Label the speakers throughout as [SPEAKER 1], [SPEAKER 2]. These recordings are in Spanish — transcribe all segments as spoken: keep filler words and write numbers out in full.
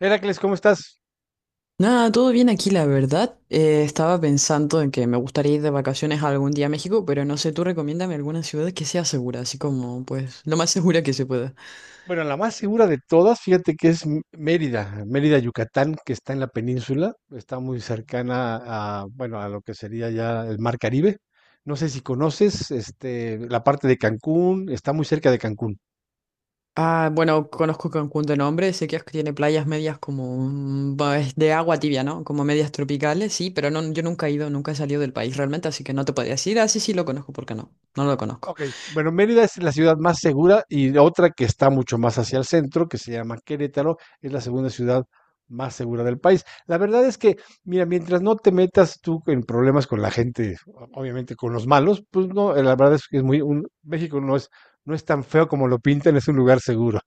[SPEAKER 1] Heracles, ¿cómo estás?
[SPEAKER 2] Nada, todo bien aquí, la verdad. Eh, estaba pensando en que me gustaría ir de vacaciones algún día a México, pero no sé, tú recomiéndame alguna ciudad que sea segura, así como, pues, lo más segura que se pueda.
[SPEAKER 1] Bueno, la más segura de todas, fíjate que es M- Mérida, Mérida, Yucatán, que está en la península, está muy cercana a, bueno, a lo que sería ya el Mar Caribe. No sé si conoces, este, la parte de Cancún, está muy cerca de Cancún.
[SPEAKER 2] Ah, bueno, conozco Cancún de nombre, sé que es- tiene playas medias como, mm, va, es de agua tibia, ¿no? Como medias tropicales, sí, pero no, yo nunca he ido, nunca he salido del país realmente, así que no te podría decir, así sí, sí lo conozco, ¿por qué no? No lo conozco.
[SPEAKER 1] Ok, bueno, Mérida es la ciudad más segura y otra que está mucho más hacia el centro, que se llama Querétaro, es la segunda ciudad más segura del país. La verdad es que, mira, mientras no te metas tú en problemas con la gente, o- obviamente con los malos, pues no, eh, la verdad es que es muy, un, México no es, no es tan feo como lo pintan, es un lugar seguro.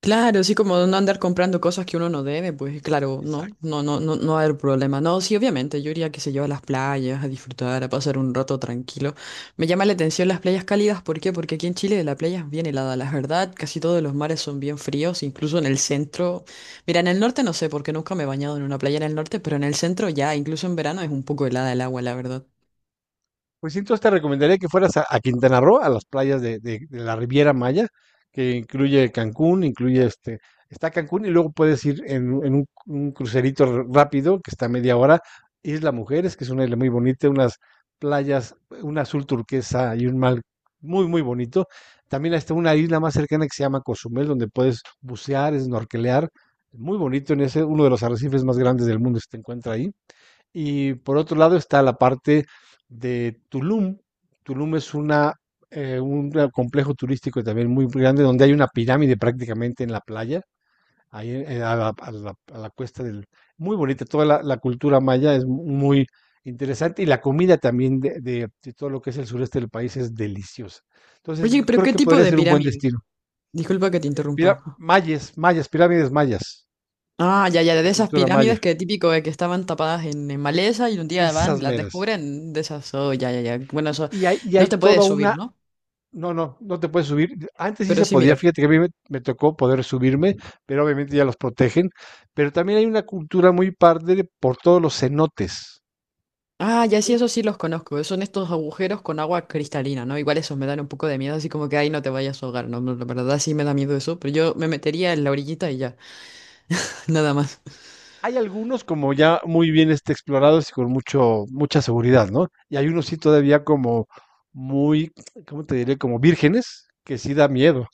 [SPEAKER 2] Claro, sí, como no andar comprando cosas que uno no debe, pues claro, no,
[SPEAKER 1] Exacto.
[SPEAKER 2] no, no, no, no va a haber problema. No, sí, obviamente, yo iría, que se yo, a las playas, a disfrutar, a pasar un rato tranquilo. Me llama la atención las playas cálidas, ¿por qué? Porque aquí en Chile la playa es bien helada, la verdad, casi todos los mares son bien fríos, incluso en el centro. Mira, en el norte no sé, porque nunca me he bañado en una playa en el norte, pero en el centro ya, incluso en verano es un poco helada el agua, la verdad.
[SPEAKER 1] Pues sí, entonces te recomendaría que fueras a, a Quintana Roo, a las playas de, de- de la Riviera Maya, que incluye Cancún, incluye este, está Cancún y luego puedes ir en, un, en un- un crucerito r- rápido que está a media hora, Isla Mujeres, que es una isla muy bonita, unas playas, un azul turquesa y un mar muy, muy bonito. También está una isla más cercana que se llama Cozumel, donde puedes bucear, snorkelear, muy bonito en ese, uno de los arrecifes más grandes del mundo se te encuentra ahí. Y por otro lado está la parte de Tulum. Tulum es una, eh, un complejo turístico también muy grande donde hay una pirámide prácticamente en la playa, ahí eh, a la, a la- a la cuesta del... Muy bonita, toda la, la cultura maya es muy interesante y la comida también de, de- de todo lo que es el sureste del país es deliciosa. Entonces,
[SPEAKER 2] Oye,
[SPEAKER 1] yo
[SPEAKER 2] pero
[SPEAKER 1] creo
[SPEAKER 2] ¿qué
[SPEAKER 1] que
[SPEAKER 2] tipo
[SPEAKER 1] podría
[SPEAKER 2] de
[SPEAKER 1] ser un buen
[SPEAKER 2] pirámide?
[SPEAKER 1] destino.
[SPEAKER 2] Disculpa que te
[SPEAKER 1] Eh, pira-
[SPEAKER 2] interrumpa.
[SPEAKER 1] mayas, mayas, pirámides mayas,
[SPEAKER 2] Ah, ya, ya,
[SPEAKER 1] de
[SPEAKER 2] de
[SPEAKER 1] la
[SPEAKER 2] esas
[SPEAKER 1] cultura maya,
[SPEAKER 2] pirámides que típico de que estaban tapadas en, en maleza y un día van
[SPEAKER 1] esas
[SPEAKER 2] y las
[SPEAKER 1] meras.
[SPEAKER 2] descubren, de esas, oh, ya, ya, ya. Bueno,
[SPEAKER 1] Y,
[SPEAKER 2] eso
[SPEAKER 1] y hay, y
[SPEAKER 2] no
[SPEAKER 1] hay
[SPEAKER 2] te puedes
[SPEAKER 1] toda una...
[SPEAKER 2] subir, ¿no?
[SPEAKER 1] No, no, no te puedes subir. Antes sí
[SPEAKER 2] Pero
[SPEAKER 1] se
[SPEAKER 2] sí
[SPEAKER 1] podía,
[SPEAKER 2] mirar.
[SPEAKER 1] fíjate que a mí me, me tocó poder subirme, pero obviamente ya los protegen. Pero también hay una cultura muy parte de- por todos los cenotes.
[SPEAKER 2] Ah, ya, sí, eso
[SPEAKER 1] Entonces,
[SPEAKER 2] sí los conozco. Son estos agujeros con agua cristalina, ¿no? Igual esos me dan un poco de miedo, así como que ahí no te vayas a ahogar, ¿no? La verdad sí me da miedo eso, pero yo me metería en la orillita y ya, nada más.
[SPEAKER 1] hay algunos como ya muy bien este, explorados y con mucho, mucha seguridad, ¿no? Y hay unos sí todavía como muy, ¿cómo te diré? Como vírgenes, que sí da miedo.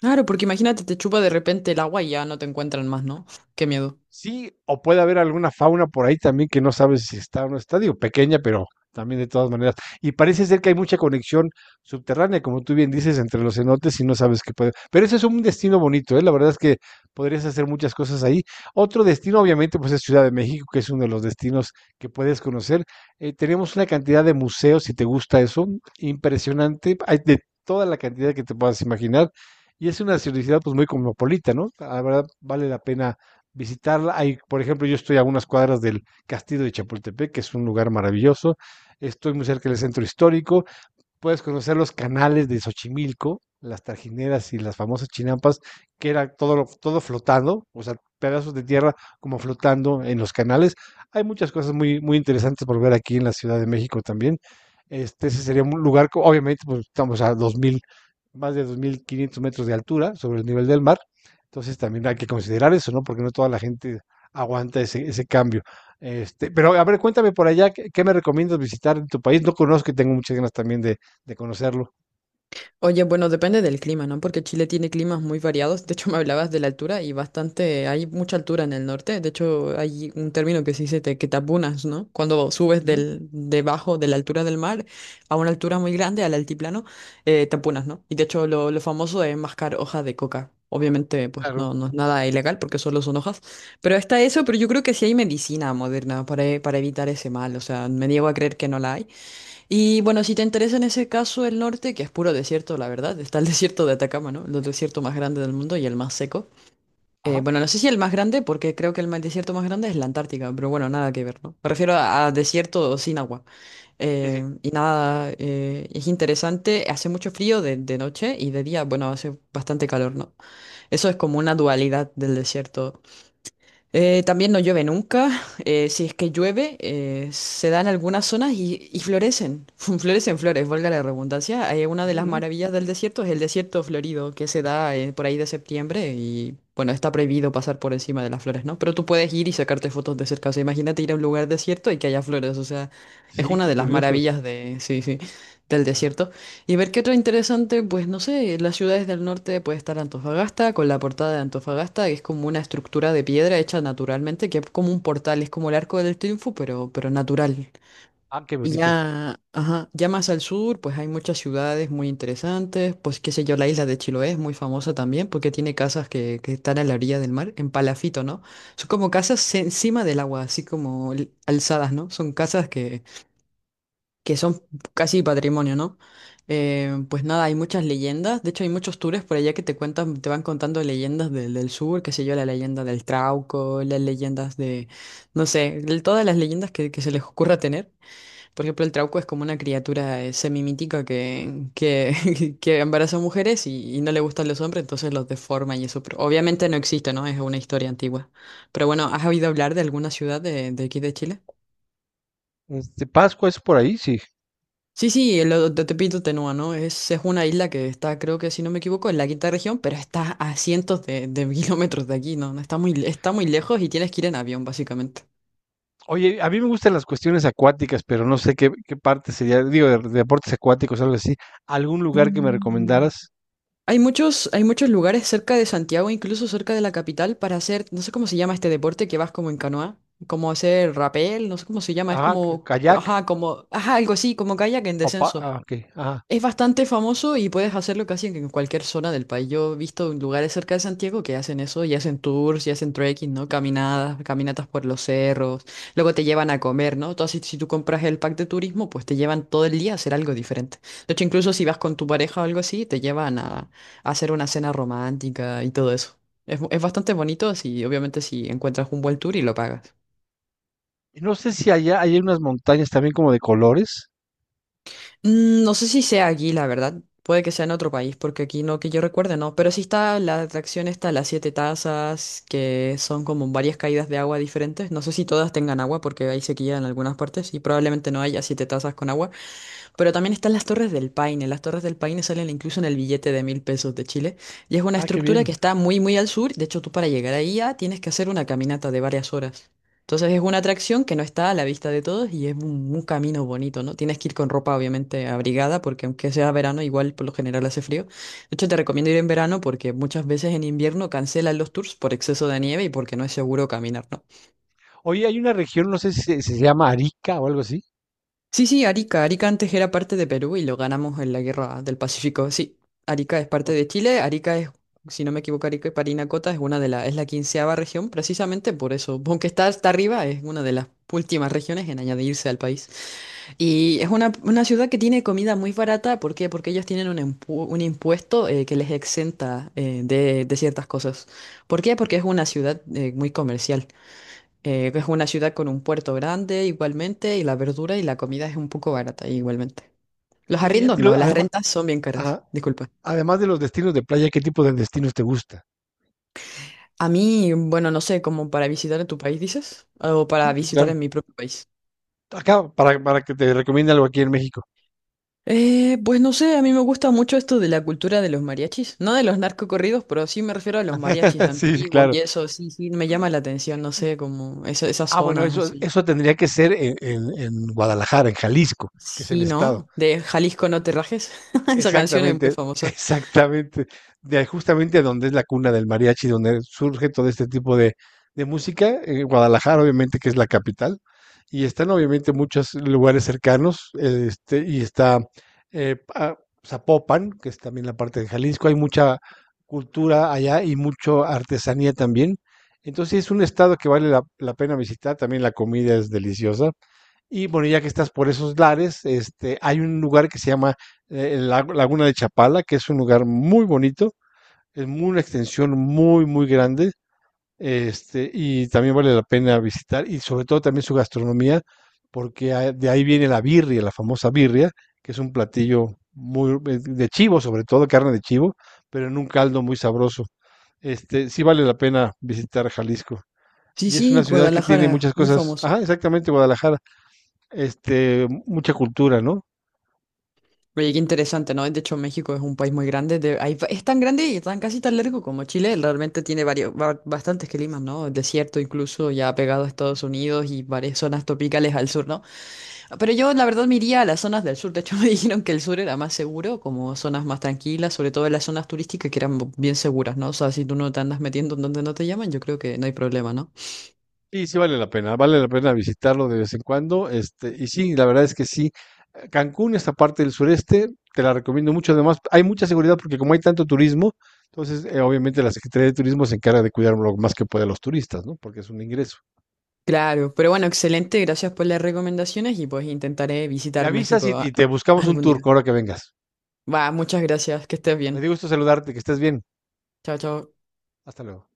[SPEAKER 2] Claro, porque imagínate, te chupa de repente el agua y ya no te encuentran más, ¿no? Qué miedo.
[SPEAKER 1] Sí, o puede haber alguna fauna por ahí también que no sabes si está o no está, digo, pequeña, pero también de todas maneras. Y parece ser que hay mucha conexión subterránea, como tú bien dices, entre los cenotes y no sabes qué puede. Pero ese es un destino bonito, ¿eh? La verdad es que podrías hacer muchas cosas ahí. Otro destino, obviamente, pues es Ciudad de México, que es uno de los destinos que puedes conocer. Eh, tenemos una cantidad de museos, si te gusta eso, impresionante. Hay de toda la cantidad que te puedas imaginar. Y es una ciudad pues muy cosmopolita, ¿no? La verdad vale la pena visitarla. Hay, por ejemplo, yo estoy a unas cuadras del Castillo de Chapultepec, que es un lugar maravilloso. Estoy muy cerca del centro histórico, puedes conocer los canales de Xochimilco, las trajineras y las famosas chinampas, que era todo, lo- todo flotando, o sea, pedazos de tierra como flotando en los canales. Hay muchas cosas muy, muy interesantes por ver aquí en la Ciudad de México también. Este, ese sería un lugar, co- obviamente, pues estamos a dos mil, más de dos mil quinientos metros de altura sobre el nivel del mar. Entonces también hay que considerar eso, ¿no? Porque no toda la gente aguanta ese, ese cambio. Este, pero a ver, cuéntame por allá, ¿qué, qué me recomiendas visitar en tu país? No conozco y tengo muchas ganas también de, de conocerlo.
[SPEAKER 2] Oye, bueno, depende del clima, ¿no? Porque Chile tiene climas muy variados. De hecho, me hablabas de la altura y bastante, hay mucha altura en el norte. De hecho, hay un término que se dice te- que te apunas, ¿no? Cuando subes
[SPEAKER 1] Ujú.
[SPEAKER 2] del, debajo de la altura del mar a una altura muy grande, al altiplano, eh, te apunas, ¿no? Y de hecho, lo, lo famoso es mascar hojas de coca. Obviamente, pues
[SPEAKER 1] Claro.
[SPEAKER 2] no, no es nada ilegal porque solo son hojas. Pero está eso, pero yo creo que sí hay medicina moderna para, e- para evitar ese mal. O sea, me niego a creer que no la hay. Y bueno, si te interesa en ese caso el norte, que es puro desierto, la verdad, está el desierto de Atacama, ¿no? El desierto más grande del mundo y el más seco. Eh,
[SPEAKER 1] Ajá.
[SPEAKER 2] bueno, no sé si el más grande, porque creo que el ma- desierto más grande es la Antártica, pero bueno, nada que ver, ¿no? Me refiero a, a desierto sin agua.
[SPEAKER 1] Sí,
[SPEAKER 2] Eh,
[SPEAKER 1] sí.
[SPEAKER 2] y nada, eh, es interesante, hace mucho frío de, de noche y de día, bueno, hace bastante calor, ¿no? Eso es como una dualidad del desierto. Eh, también no llueve nunca. Eh, si es que llueve, eh, se dan algunas zonas y, y florecen. Florecen flores, valga la redundancia. Hay una
[SPEAKER 1] Ujú,
[SPEAKER 2] de las
[SPEAKER 1] ujú.
[SPEAKER 2] maravillas del desierto es el desierto florido que se da eh, por ahí de septiembre y bueno, está prohibido pasar por encima de las flores, ¿no? Pero tú puedes ir y sacarte fotos de cerca. O sea, imagínate ir a un lugar desierto y que haya flores. O sea, es
[SPEAKER 1] Sí,
[SPEAKER 2] una
[SPEAKER 1] qué
[SPEAKER 2] de las
[SPEAKER 1] curioso.
[SPEAKER 2] maravillas de, sí, sí, del
[SPEAKER 1] Ajá.
[SPEAKER 2] desierto. Y ver qué otro interesante, pues no sé, las ciudades del norte puede estar Antofagasta, con la Portada de Antofagasta, que es como una estructura de piedra hecha naturalmente, que es como un portal, es como el Arco del Triunfo, pero, pero natural.
[SPEAKER 1] Ah, qué
[SPEAKER 2] Y
[SPEAKER 1] bonito.
[SPEAKER 2] ya, ajá, ya más al sur, pues hay muchas ciudades muy interesantes, pues qué sé yo, la isla de Chiloé es muy famosa también, porque tiene casas que, que están a la orilla del mar, en palafito, ¿no? Son como casas encima del agua, así como l- alzadas, ¿no? Son casas que que son casi patrimonio, ¿no? Eh, pues nada, hay muchas leyendas, de hecho hay muchos tours por allá que te cuentan, te van contando leyendas del, del sur, qué sé yo, la leyenda del Trauco, las leyendas de, no sé, de todas las leyendas que, que se les ocurra tener. Por ejemplo, el Trauco es como una criatura eh, semimítica que, que, que embaraza mujeres y, y no le gustan los hombres, entonces los deforma y eso, pero obviamente no existe, ¿no? Es una historia antigua. Pero bueno, ¿has oído hablar de alguna ciudad de, de aquí de Chile?
[SPEAKER 1] Este, Pascua es por ahí, sí.
[SPEAKER 2] Sí, sí, el o- de Tepito Tenúa, ¿no? Es, es una isla que está, creo que si no me equivoco, en la quinta región, pero está a cientos de, de kilómetros de aquí, ¿no? No, está muy, le- está muy lejos y tienes que ir en avión, básicamente.
[SPEAKER 1] Oye, a mí me gustan las cuestiones acuáticas, pero no sé qué, qué parte sería, digo, de, de deportes acuáticos, algo así. ¿Algún lugar que me
[SPEAKER 2] Mm.
[SPEAKER 1] recomendaras?
[SPEAKER 2] Hay muchos, hay muchos lugares cerca de Santiago, incluso cerca de la capital, para hacer, no sé cómo se llama este deporte que vas como en canoa, como hacer rapel, no sé cómo se llama, es
[SPEAKER 1] Ajá, ca-
[SPEAKER 2] como,
[SPEAKER 1] kayak.
[SPEAKER 2] ajá, como, ajá, algo así, como kayak en
[SPEAKER 1] O pa-
[SPEAKER 2] descenso.
[SPEAKER 1] ah, ok, ajá.
[SPEAKER 2] Es bastante famoso y puedes hacerlo casi en cualquier zona del país. Yo he visto lugares cerca de Santiago que hacen eso y hacen tours y hacen trekking, ¿no? Caminadas, caminatas por los cerros. Luego te llevan a comer, ¿no? Entonces, si tú compras el pack de turismo, pues te llevan todo el día a hacer algo diferente. De hecho, incluso si vas con tu pareja o algo así, te llevan a, a hacer una cena romántica y todo eso. Es, bu- es bastante bonito si, obviamente, si encuentras un buen tour y lo pagas.
[SPEAKER 1] Y no sé si allá hay unas montañas también como de colores.
[SPEAKER 2] Mm, no sé si sea aquí, la verdad. Puede que sea en otro país, porque aquí no que yo recuerde, no. Pero sí está la atracción está las Siete Tazas, que son como varias caídas de agua diferentes. No sé si todas tengan agua, porque hay sequía en algunas partes y probablemente no haya siete tazas con agua. Pero también están las Torres del Paine. Las Torres del Paine salen incluso en el billete de mil pesos de Chile. Y es una
[SPEAKER 1] Ah, qué
[SPEAKER 2] estructura que
[SPEAKER 1] bien.
[SPEAKER 2] está muy, muy al sur. De hecho, tú para llegar ahí ya tienes que hacer una caminata de varias horas. Entonces es una atracción que no está a la vista de todos y es un, un camino bonito, ¿no? Tienes que ir con ropa obviamente abrigada porque aunque sea verano, igual por lo general hace frío. De hecho, te recomiendo ir en verano porque muchas veces en invierno cancelan los tours por exceso de nieve y porque no es seguro caminar, ¿no?
[SPEAKER 1] Oye, hay una región, no sé si se, se llama Arica o algo así.
[SPEAKER 2] Sí, sí, Arica. Arica antes era parte de Perú y lo ganamos en la Guerra del Pacífico. Sí, Arica es parte
[SPEAKER 1] O-
[SPEAKER 2] de Chile. Arica es, si no me equivoco, Arica y Parinacota es una de la, es la quinceava región, precisamente por eso. Aunque está hasta arriba, es una de las últimas regiones en añadirse al país. Y es una, una ciudad que tiene comida muy barata. ¿Por qué? Porque ellos tienen un, impu- un impuesto eh, que les exenta eh, de, de ciertas cosas. ¿Por qué? Porque es una ciudad eh, muy comercial. Eh, es una ciudad con un puerto grande igualmente y la verdura y la comida es un poco barata igualmente. Los
[SPEAKER 1] Oye, ya
[SPEAKER 2] arriendos
[SPEAKER 1] te
[SPEAKER 2] no,
[SPEAKER 1] lo,
[SPEAKER 2] las
[SPEAKER 1] además,
[SPEAKER 2] rentas son bien caras, disculpa.
[SPEAKER 1] además de los destinos de playa, ¿qué tipo de destinos te gusta?
[SPEAKER 2] A mí, bueno, no sé, como para visitar en tu país, dices, o para
[SPEAKER 1] Sí, sí,
[SPEAKER 2] visitar
[SPEAKER 1] claro.
[SPEAKER 2] en mi propio país.
[SPEAKER 1] Acá, para, para que te recomiende algo aquí en México.
[SPEAKER 2] Eh, pues no sé, a mí me gusta mucho esto de la cultura de los mariachis, no de los narcocorridos, pero sí me refiero a los mariachis
[SPEAKER 1] Sí, sí,
[SPEAKER 2] antiguos
[SPEAKER 1] claro.
[SPEAKER 2] y eso, sí, sí, me llama la atención, no sé, como esa- esas
[SPEAKER 1] Ah, bueno,
[SPEAKER 2] zonas
[SPEAKER 1] eso,
[SPEAKER 2] así.
[SPEAKER 1] eso tendría que ser en- en Guadalajara, en Jalisco, que es el
[SPEAKER 2] Sí,
[SPEAKER 1] estado.
[SPEAKER 2] ¿no? De Jalisco no te rajes, esa canción es muy
[SPEAKER 1] Exactamente,
[SPEAKER 2] famosa.
[SPEAKER 1] exactamente. De justamente donde es la cuna del mariachi, donde surge todo este tipo de, de música, en Guadalajara, obviamente, que es la capital, y están obviamente muchos lugares cercanos, eh, este, y está eh, pa- Zapopan, que es también la parte de Jalisco, hay mucha cultura allá y mucha artesanía también. Entonces sí es un estado que vale la, la pena visitar, también la comida es deliciosa. Y bueno, ya que estás por esos lares, este, hay un lugar que se llama eh, la- Laguna de Chapala, que es un lugar muy bonito, es muy- una extensión muy, muy grande, este, y también vale la pena visitar, y sobre todo también su gastronomía, porque a- de ahí viene la birria, la famosa birria, que es un platillo muy eh, de chivo, sobre todo carne de chivo, pero en un caldo muy sabroso. Este, sí vale la pena visitar Jalisco.
[SPEAKER 2] Sí,
[SPEAKER 1] Y es
[SPEAKER 2] sí,
[SPEAKER 1] una ciudad que tiene
[SPEAKER 2] Guadalajara,
[SPEAKER 1] muchas
[SPEAKER 2] muy
[SPEAKER 1] cosas.
[SPEAKER 2] famoso.
[SPEAKER 1] Ajá, exactamente, Guadalajara, este, mucha cultura, ¿no?
[SPEAKER 2] Oye, qué interesante, ¿no? De hecho, México es un país muy grande. De- hay va- es tan grande y tan casi tan largo como Chile. Realmente tiene varios, ba- bastantes climas, ¿no? Desierto incluso, ya pegado a Estados Unidos y varias zonas tropicales al sur, ¿no? Pero yo, la verdad, me iría a las zonas del sur. De hecho, me dijeron que el sur era más seguro, como zonas más tranquilas, sobre todo en las zonas turísticas que eran bien seguras, ¿no? O sea, si tú no te andas metiendo en donde no te llaman, yo creo que no hay problema, ¿no?
[SPEAKER 1] Sí, sí vale la pena, vale la pena visitarlo de vez en cuando, este, y sí, la verdad es que sí, Cancún, esta parte del sureste, te la recomiendo mucho, además hay mucha seguridad porque como hay tanto turismo, entonces eh, obviamente la Secretaría de Turismo se encarga de cuidar lo más que puede a los turistas, ¿no? Porque es un ingreso.
[SPEAKER 2] Claro, pero bueno, excelente, gracias por las recomendaciones y pues intentaré
[SPEAKER 1] Me
[SPEAKER 2] visitar
[SPEAKER 1] avisas
[SPEAKER 2] México
[SPEAKER 1] y,
[SPEAKER 2] a-
[SPEAKER 1] y te buscamos un
[SPEAKER 2] algún
[SPEAKER 1] tour
[SPEAKER 2] día.
[SPEAKER 1] ahora que vengas.
[SPEAKER 2] Va, muchas gracias, que estés
[SPEAKER 1] Me
[SPEAKER 2] bien.
[SPEAKER 1] dio gusto saludarte, que estés bien.
[SPEAKER 2] Chao, chao.
[SPEAKER 1] Hasta luego.